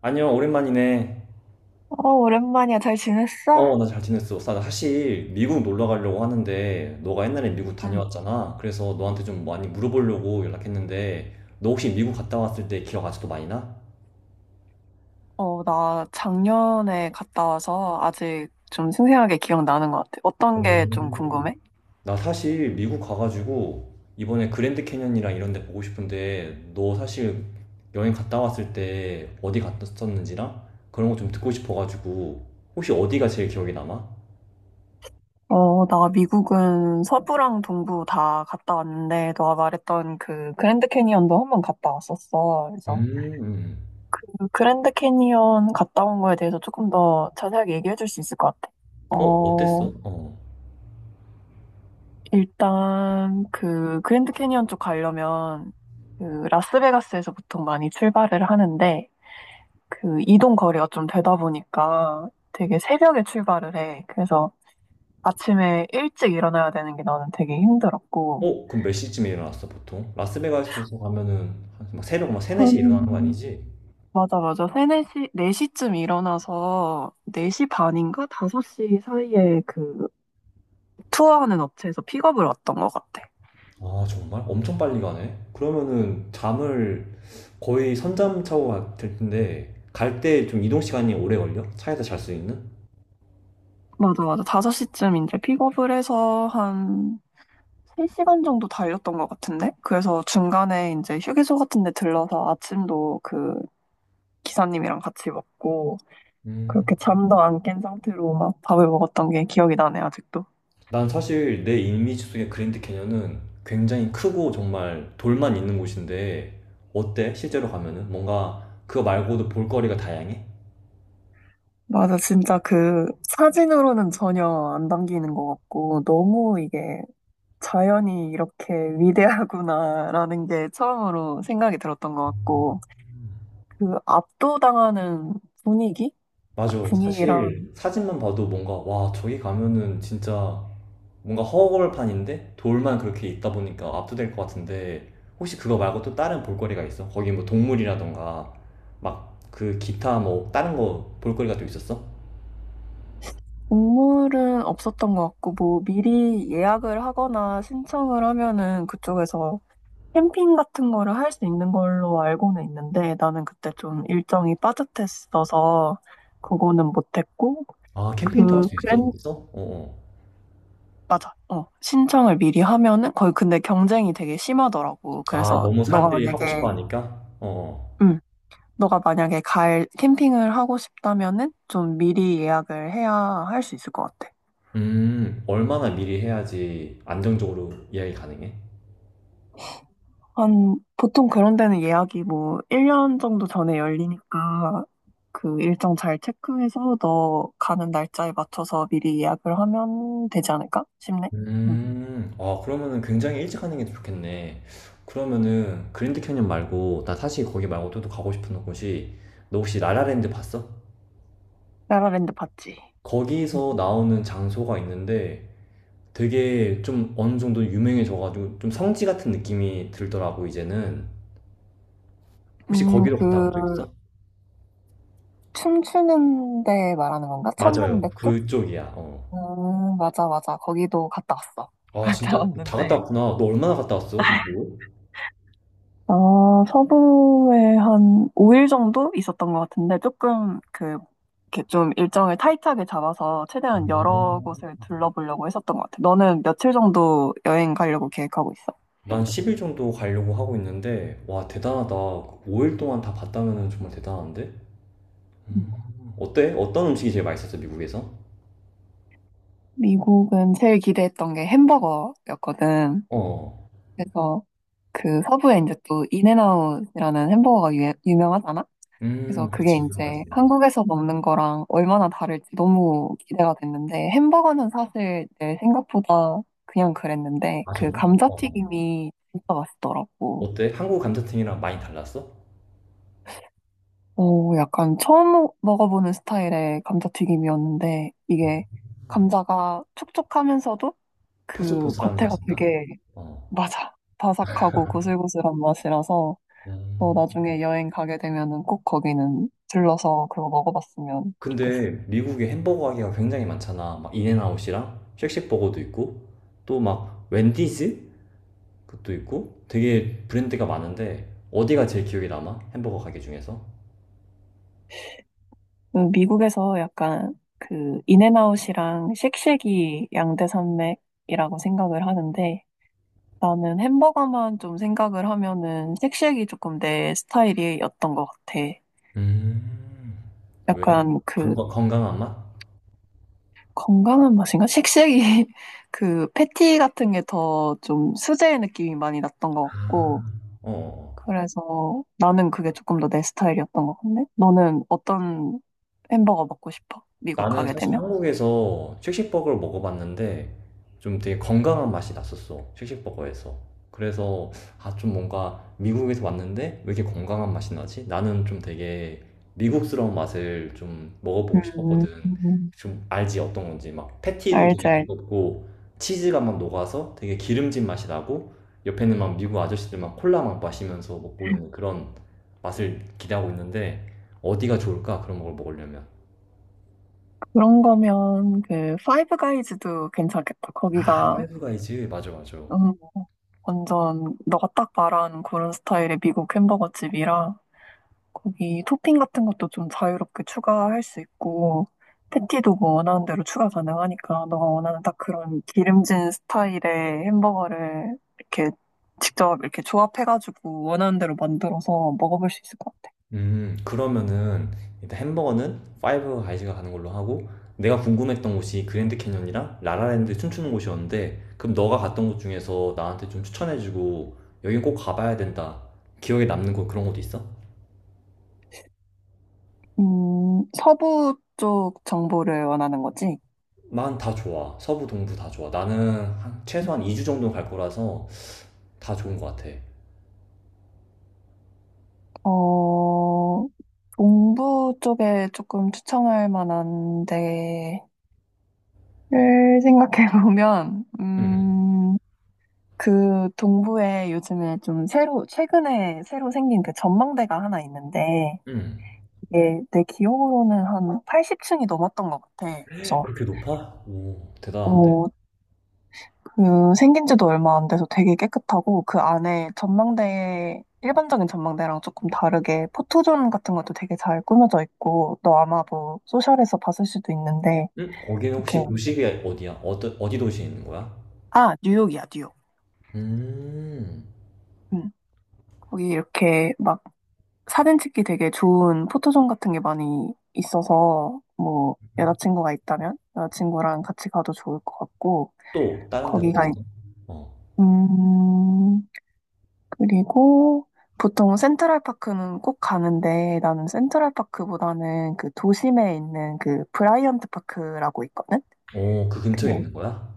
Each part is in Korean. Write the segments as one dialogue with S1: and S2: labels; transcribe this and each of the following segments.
S1: 아니요, 오랜만이네.
S2: 어, 오랜만이야. 잘 지냈어?
S1: 어, 나 잘 지냈어. 나 사실 미국 놀러 가려고 하는데, 너가 옛날에 미국
S2: 응.
S1: 다녀왔잖아. 그래서 너한테 좀 많이 물어보려고 연락했는데, 너 혹시 미국 갔다 왔을 때 기억 아직도 많이 나?
S2: 어, 나 작년에 갔다 와서 아직 좀 생생하게 기억나는 것 같아. 어떤 게 좀
S1: 오.
S2: 궁금해?
S1: 나 사실 미국 가가지고, 이번에 그랜드 캐년이랑 이런 데 보고 싶은데, 너 사실 여행 갔다 왔을 때 어디 갔었는지랑 그런 거 좀 듣고 싶어가지고, 혹시 어디가 제일 기억에 남아?
S2: 어, 나 미국은 서부랑 동부 다 갔다 왔는데, 너가 말했던 그 그랜드 캐니언도 한번 갔다 왔었어. 그래서
S1: 음,
S2: 그 그랜드 캐니언 갔다 온 거에 대해서 조금 더 자세하게 얘기해 줄 수 있을 것 같아.
S1: 어,
S2: 어,
S1: 어땠어? 어.
S2: 일단 그 그랜드 캐니언 쪽 가려면 그 라스베가스에서 보통 많이 출발을 하는데, 그 이동 거리가 좀 되다 보니까 되게 새벽에 출발을 해. 그래서 아침에 일찍 일어나야 되는 게 나는 되게 힘들었고.
S1: 어? 그럼 몇 시쯤에 일어났어, 보통? 라스베가스에서 가면은 한막 새벽 막 3, 4시에 일어나는 거
S2: 한,
S1: 아니지?
S2: 맞아, 맞아. 3, 4시, 네 시쯤 일어나서 4시 반인가 5시 사이에 그 투어하는 업체에서 픽업을 왔던 것 같아.
S1: 아, 정말? 엄청 빨리 가네? 그러면은 잠을 거의 선잠 차고 갈될 텐데, 갈 때 좀 이동 시간이 오래 걸려? 차에서 잘 수 있는?
S2: 맞아, 맞아. 5시쯤 이제 픽업을 해서 한 3시간 정도 달렸던 것 같은데? 그래서 중간에 이제 휴게소 같은 데 들러서 아침도 그 기사님이랑 같이 먹고
S1: 음.
S2: 그렇게 잠도 안 깬 상태로 막 밥을 먹었던 게 기억이 나네, 아직도.
S1: 난 사실 내 이미지 속의 그랜드 캐년은 굉장히 크고 정말 돌만 있는 곳인데, 어때? 실제로 가면은? 뭔가 그거 말고도 볼거리가 다양해?
S2: 맞아, 진짜 그 사진으로는 전혀 안 담기는 것 같고, 너무 이게 자연이 이렇게 위대하구나라는 게 처음으로 생각이 들었던 것 같고, 그 압도당하는 분위기?
S1: 맞아.
S2: 그 분위기랑
S1: 사실 사진만 봐도 뭔가, 와, 저기 가면은 진짜 뭔가 허허벌판인데 돌만 그렇게 있다 보니까 압도될 것 같은데 혹시 그거 말고 또 다른 볼거리가 있어? 거기 뭐 동물이라던가 막 그 기타 뭐 다른 거 볼거리가 또 있었어?
S2: 동물은 없었던 것 같고, 뭐 미리 예약을 하거나 신청을 하면은 그쪽에서 캠핑 같은 거를 할 수 있는 걸로 알고는 있는데 나는 그때 좀 일정이 빠듯했어서 그거는 못했고
S1: 아, 캠핑도 할
S2: 그
S1: 수 있어
S2: 그랜
S1: 거기서? 어, 어.
S2: 맞아 어 신청을 미리 하면은 거의 근데 경쟁이 되게 심하더라고
S1: 아,
S2: 그래서
S1: 너무
S2: 너가
S1: 사람들이 하고 싶어
S2: 만약에
S1: 하니까? 어. 어.
S2: 음 너가 만약에 갈 캠핑을 하고 싶다면은 좀 미리 예약을 해야 할 수 있을 것 같아.
S1: 음, 얼마나 미리 해야지 안정적으로 예약이 가능해?
S2: 한, 보통 그런 데는 예약이 뭐, 1년 정도 전에 열리니까, 그 일정 잘 체크해서 너 가는 날짜에 맞춰서 미리 예약을 하면 되지 않을까 싶네. 응.
S1: 아, 그러면은 굉장히 일찍 하는 게 좋겠네. 그러면은 그랜드 캐니언 말고, 나 사실 거기 말고 또 가고 싶은 곳이, 너 혹시 라라랜드 봤어?
S2: 라라랜드 봤지?
S1: 거기서 나오는 장소가 있는데 되게 좀 어느 정도 유명해져가지고 좀 성지 같은 느낌이 들더라고 이제는. 혹시 거기로 갔다 온
S2: 그,
S1: 적 있어?
S2: 춤추는 데 말하는 건가?
S1: 맞아요,
S2: 천문대 쪽?
S1: 그쪽이야. 어.
S2: 맞아, 맞아. 거기도 갔다 왔어.
S1: 아,
S2: 갔다
S1: 진짜 다 갔다
S2: 왔는데
S1: 왔구나. 너 얼마나 갔다 왔어? 뭐?
S2: 아, 서부에 한 5일 정도 있었던 것 같은데, 조금 그, 이렇게 좀 일정을 타이트하게 잡아서 최대한 여러
S1: 오.
S2: 곳을 둘러보려고 했었던 것 같아. 너는 며칠 정도 여행 가려고 계획하고 있어?
S1: 난 10일 정도 가려고 하고 있는데, 와, 대단하다. 5일 동안 다 봤다면 정말 대단한데? 음. 어때? 어떤 음식이 제일 맛있었어, 미국에서?
S2: 미국은 제일 기대했던 게 햄버거였거든.
S1: 어.
S2: 그래서 그 서부에 이제 또 인앤아웃이라는 햄버거가 유, 유명하잖아? 그래서 그게
S1: 그치, 유명하지.
S2: 이제 한국에서 먹는 거랑 얼마나 다를지 너무 기대가 됐는데 햄버거는 사실 내 생각보다 그냥 그랬는데
S1: 아,
S2: 그
S1: 정말? 어.
S2: 감자튀김이 진짜 맛있더라고.
S1: 어때? 한국 감자탕이랑 많이 달랐어?
S2: 오, 약간 처음 먹어보는 스타일의 감자튀김이었는데 이게 감자가 촉촉하면서도 그
S1: 포슬포슬한
S2: 겉에가
S1: 맛인가?
S2: 되게
S1: 어.
S2: 맞아. 바삭하고 고슬고슬한 맛이라서 너
S1: 음.
S2: 나중에 여행 가게 되면은 꼭 거기는 들러서 그거 먹어봤으면 좋겠어.
S1: 근데 미국에 햄버거 가게가 굉장히 많잖아. 막 인앤아웃이랑 쉑쉑버거도 있고 또 막 웬디즈 그것도 있고 되게 브랜드가 많은데 어디가 제일 기억에 남아? 햄버거 가게 중에서?
S2: 미국에서 약간 그 인앤아웃이랑 쉑쉑이 양대 산맥이라고 생각을 하는데 나는 햄버거만 좀 생각을 하면은 쉑쉑이 조금 내 스타일이었던 것 같아.
S1: 음. 왜?
S2: 약간 그
S1: 건강한 맛?
S2: 건강한 맛인가? 쉑쉑이 그 패티 같은 게 더 좀 수제 느낌이 많이 났던 것 같고
S1: 아, 어.
S2: 그래서 나는 그게 조금 더 내 스타일이었던 것 같네. 너는 어떤 햄버거 먹고 싶어? 미국
S1: 나는
S2: 가게
S1: 사실
S2: 되면?
S1: 한국에서 쉑쉑버거를 먹어봤는데 좀 되게 건강한 맛이 났었어, 쉑쉑버거에서. 그래서 아, 좀 뭔가 미국에서 왔는데 왜 이렇게 건강한 맛이 나지? 나는 좀 되게 미국스러운 맛을 좀 먹어보고
S2: 음,
S1: 싶었거든.
S2: 음.
S1: 좀 알지 어떤 건지. 막 패티도
S2: 알지,
S1: 되게
S2: 알지.
S1: 두껍고 치즈가 막 녹아서 되게 기름진 맛이 나고 옆에는 막 미국 아저씨들 막 콜라 막 마시면서 먹고 있는 그런 맛을 기대하고 있는데 어디가 좋을까? 그런 걸 먹으려면.
S2: 그런 거면 그 파이브 가이즈도 괜찮겠다.
S1: 아,
S2: 거기가
S1: 파이브 가이즈. 맞아, 맞아.
S2: 음, 완전 너가 딱 말한 그런 스타일의 미국 햄버거 집이라 거기 토핑 같은 것도 좀 자유롭게 추가할 수 있고 패티도 뭐 원하는 대로 추가 가능하니까 너가 원하는 딱 그런 기름진 스타일의 햄버거를 이렇게 직접 이렇게 조합해가지고 원하는 대로 만들어서 먹어볼 수 있을 것 같아.
S1: 그러면은 일단 햄버거는 파이브 가이즈가 가는 걸로 하고, 내가 궁금했던 곳이 그랜드 캐년이랑 라라랜드 춤추는 곳이었는데, 그럼 너가 갔던 곳 중에서 나한테 좀 추천해주고, 여긴 꼭 가봐야 된다, 기억에 남는 곳, 그런 곳도 있어?
S2: 서부 쪽 정보를 원하는 거지?
S1: 난 다 좋아. 서부, 동부 다 좋아. 나는 한 최소한 2주 정도 갈 거라서 다 좋은 것 같아.
S2: 어, 동부 쪽에 조금 추천할 만한 데를 생각해 보면,
S1: 음,
S2: 그 동부에 요즘에 좀 새로, 최근에 새로 생긴 그 전망대가 하나 있는데,
S1: 음.
S2: 이게 내 기억으로는 한 80층이 넘었던 것 같아. 그래서,
S1: 그렇게 높아? 오, 대단한데?
S2: 어, 그 생긴 지도 얼마 안 돼서 되게 깨끗하고, 그 안에 전망대, 일반적인 전망대랑 조금 다르게 포토존 같은 것도 되게 잘 꾸며져 있고, 너 아마 뭐 소셜에서 봤을 수도 있는데,
S1: 응? 거기는
S2: 이렇게
S1: 혹시 도시가 어디야? 어디 도시에 있는 거야?
S2: 아, 뉴욕이야, 뉴욕.
S1: 음.
S2: 응. 거기 이렇게 막 사진 찍기 되게 좋은 포토존 같은 게 많이 있어서 뭐 여자친구가 있다면 여자친구랑 같이 가도 좋을 것 같고
S1: 또 다른 데는
S2: 거기가 있-
S1: 어딨어? 어.
S2: 음 그리고 보통 센트럴파크는 꼭 가는데 나는 센트럴파크보다는 그 도심에 있는 그 브라이언트 파크라고 있거든.
S1: 오, 그 근처에 있는 거야?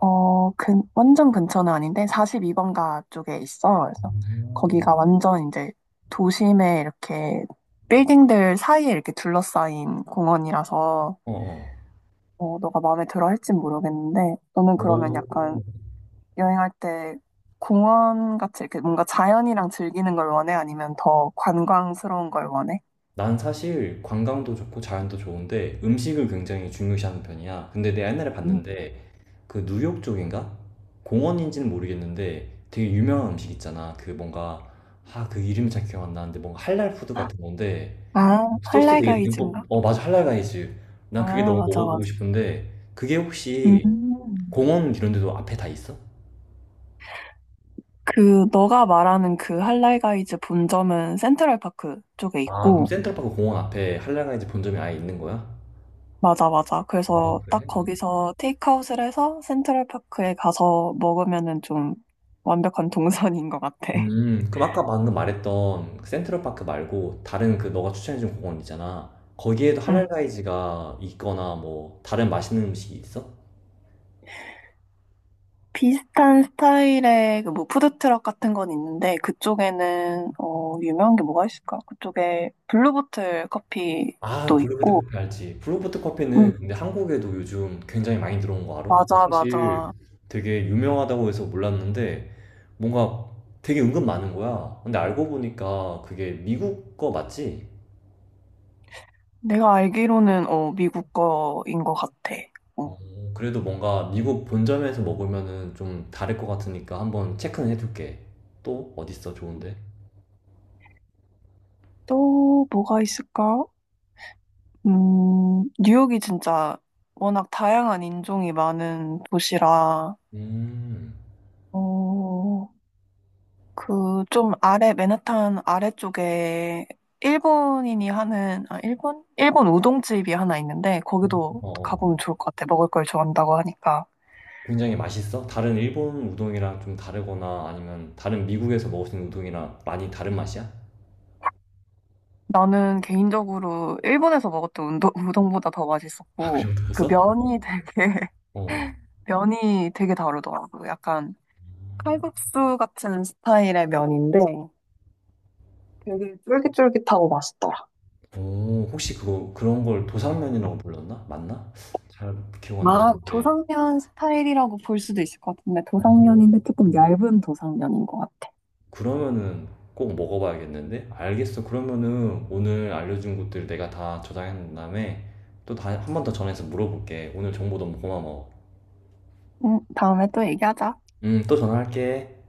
S2: 어, 완전 근처는 아닌데 42번가 쪽에 있어. 그래서
S1: 음.
S2: 거기가 완전 이제 도심에 이렇게 빌딩들 사이에 이렇게 둘러싸인 공원이라서
S1: 어, 어.
S2: 어, 너가 마음에 들어 할진 모르겠는데 너는 그러면 약간
S1: 오.
S2: 여행할 때 공원 같이 이렇게 뭔가 자연이랑 즐기는 걸 원해? 아니면 더 관광스러운 걸 원해?
S1: 난 사실 관광도 좋고 자연도 좋은데 음식을 굉장히 중요시하는 편이야. 근데 내가 옛날에
S2: 음.
S1: 봤는데, 그 뉴욕 쪽인가? 공원인지는 모르겠는데 되게 유명한 음식 있잖아. 그 뭔가, 아, 그 이름이 잘 기억 안 나는데, 뭔가 할랄 푸드 같은 건데
S2: 아,
S1: 소스 되게 듬뿍.
S2: 할라이가이즈인가?
S1: 어, 맞아, 할랄가이즈. 난 그게
S2: 아,
S1: 너무
S2: 맞아,
S1: 먹어보고
S2: 맞아.
S1: 싶은데, 그게 혹시
S2: 음.
S1: 공원 이런 데도 앞에 다 있어?
S2: 그 너가 말하는 그 할라이가이즈 본점은 센트럴파크 쪽에
S1: 아, 그럼
S2: 있고
S1: 센트럴파크 공원 앞에 할랄가이즈 본점이 아예 있는 거야?
S2: 맞아 맞아
S1: 아,
S2: 그래서
S1: 그래?
S2: 딱 거기서 테이크아웃을 해서 센트럴파크에 가서 먹으면은 좀 완벽한 동선인 것 같아.
S1: 음, 그럼 아까 방금 말했던 센트럴파크 말고 다른 그 너가 추천해준 공원 있잖아, 거기에도
S2: 응.
S1: 할랄가이즈가 있거나 뭐 다른 맛있는 음식이 있어?
S2: 비슷한 스타일의 그뭐 푸드트럭 같은 건 있는데 그쪽에는 어 유명한 게 뭐가 있을까? 그쪽에 블루보틀
S1: 아,
S2: 커피도
S1: 블루베트
S2: 있고
S1: 커피 알지. 블루베트 커피는
S2: 응.
S1: 근데 한국에도 요즘 굉장히 많이 들어온 거 알아? 나
S2: 맞아
S1: 사실
S2: 맞아
S1: 되게 유명하다고 해서, 몰랐는데 뭔가 되게 은근 많은 거야. 근데 알고 보니까 그게 미국 거 맞지?
S2: 내가 알기로는 어 미국 거인 것 같아. 어.
S1: 그래도 뭔가 미국 본점에서 먹으면은 좀 다를 것 같으니까 한번 체크는 해둘게. 또 어딨어 좋은데?
S2: 또 뭐가 있을까? 뉴욕이 진짜 워낙 다양한 인종이 많은 도시라,
S1: 음,
S2: 어, 그 좀 아래, 맨하탄 아래쪽에 일본인이 하는, 아, 일본? 일본 우동집이 하나 있는데, 거기도
S1: 어, 어.
S2: 가보면 좋을 것 같아. 먹을 걸 좋아한다고 하니까.
S1: 굉장히 맛있어? 다른 일본 우동이랑 좀 다르거나 아니면 다른 미국에서 먹을 수 있는 우동이랑 많이 다른 맛이야?
S2: 나는 개인적으로 일본에서 먹었던 우동보다 더
S1: 아, 그
S2: 맛있었고, 그
S1: 정도였어?
S2: 면이 되게,
S1: 어. 어.
S2: 면이 되게 다르더라고. 약간 칼국수 같은 스타일의 면인데 되게 쫄깃쫄깃하고 맛있더라.
S1: 오, 혹시 그거 그런 걸 도상면이라고 불렀나? 맞나? 잘 기억 안
S2: 아,
S1: 나는데.
S2: 도상면 스타일이라고 볼 수도 있을 것 같은데 도상면인데
S1: 오.
S2: 조금 얇은 도상면인 것 같아.
S1: 그러면은 꼭 먹어봐야겠는데? 알겠어. 그러면은 오늘 알려준 것들 내가 다 저장한 다음에 또 다, 한 번 더 전화해서 물어볼게. 오늘 정보 너무 고마워.
S2: 다음에 또 얘기하자.
S1: 또 전화할게.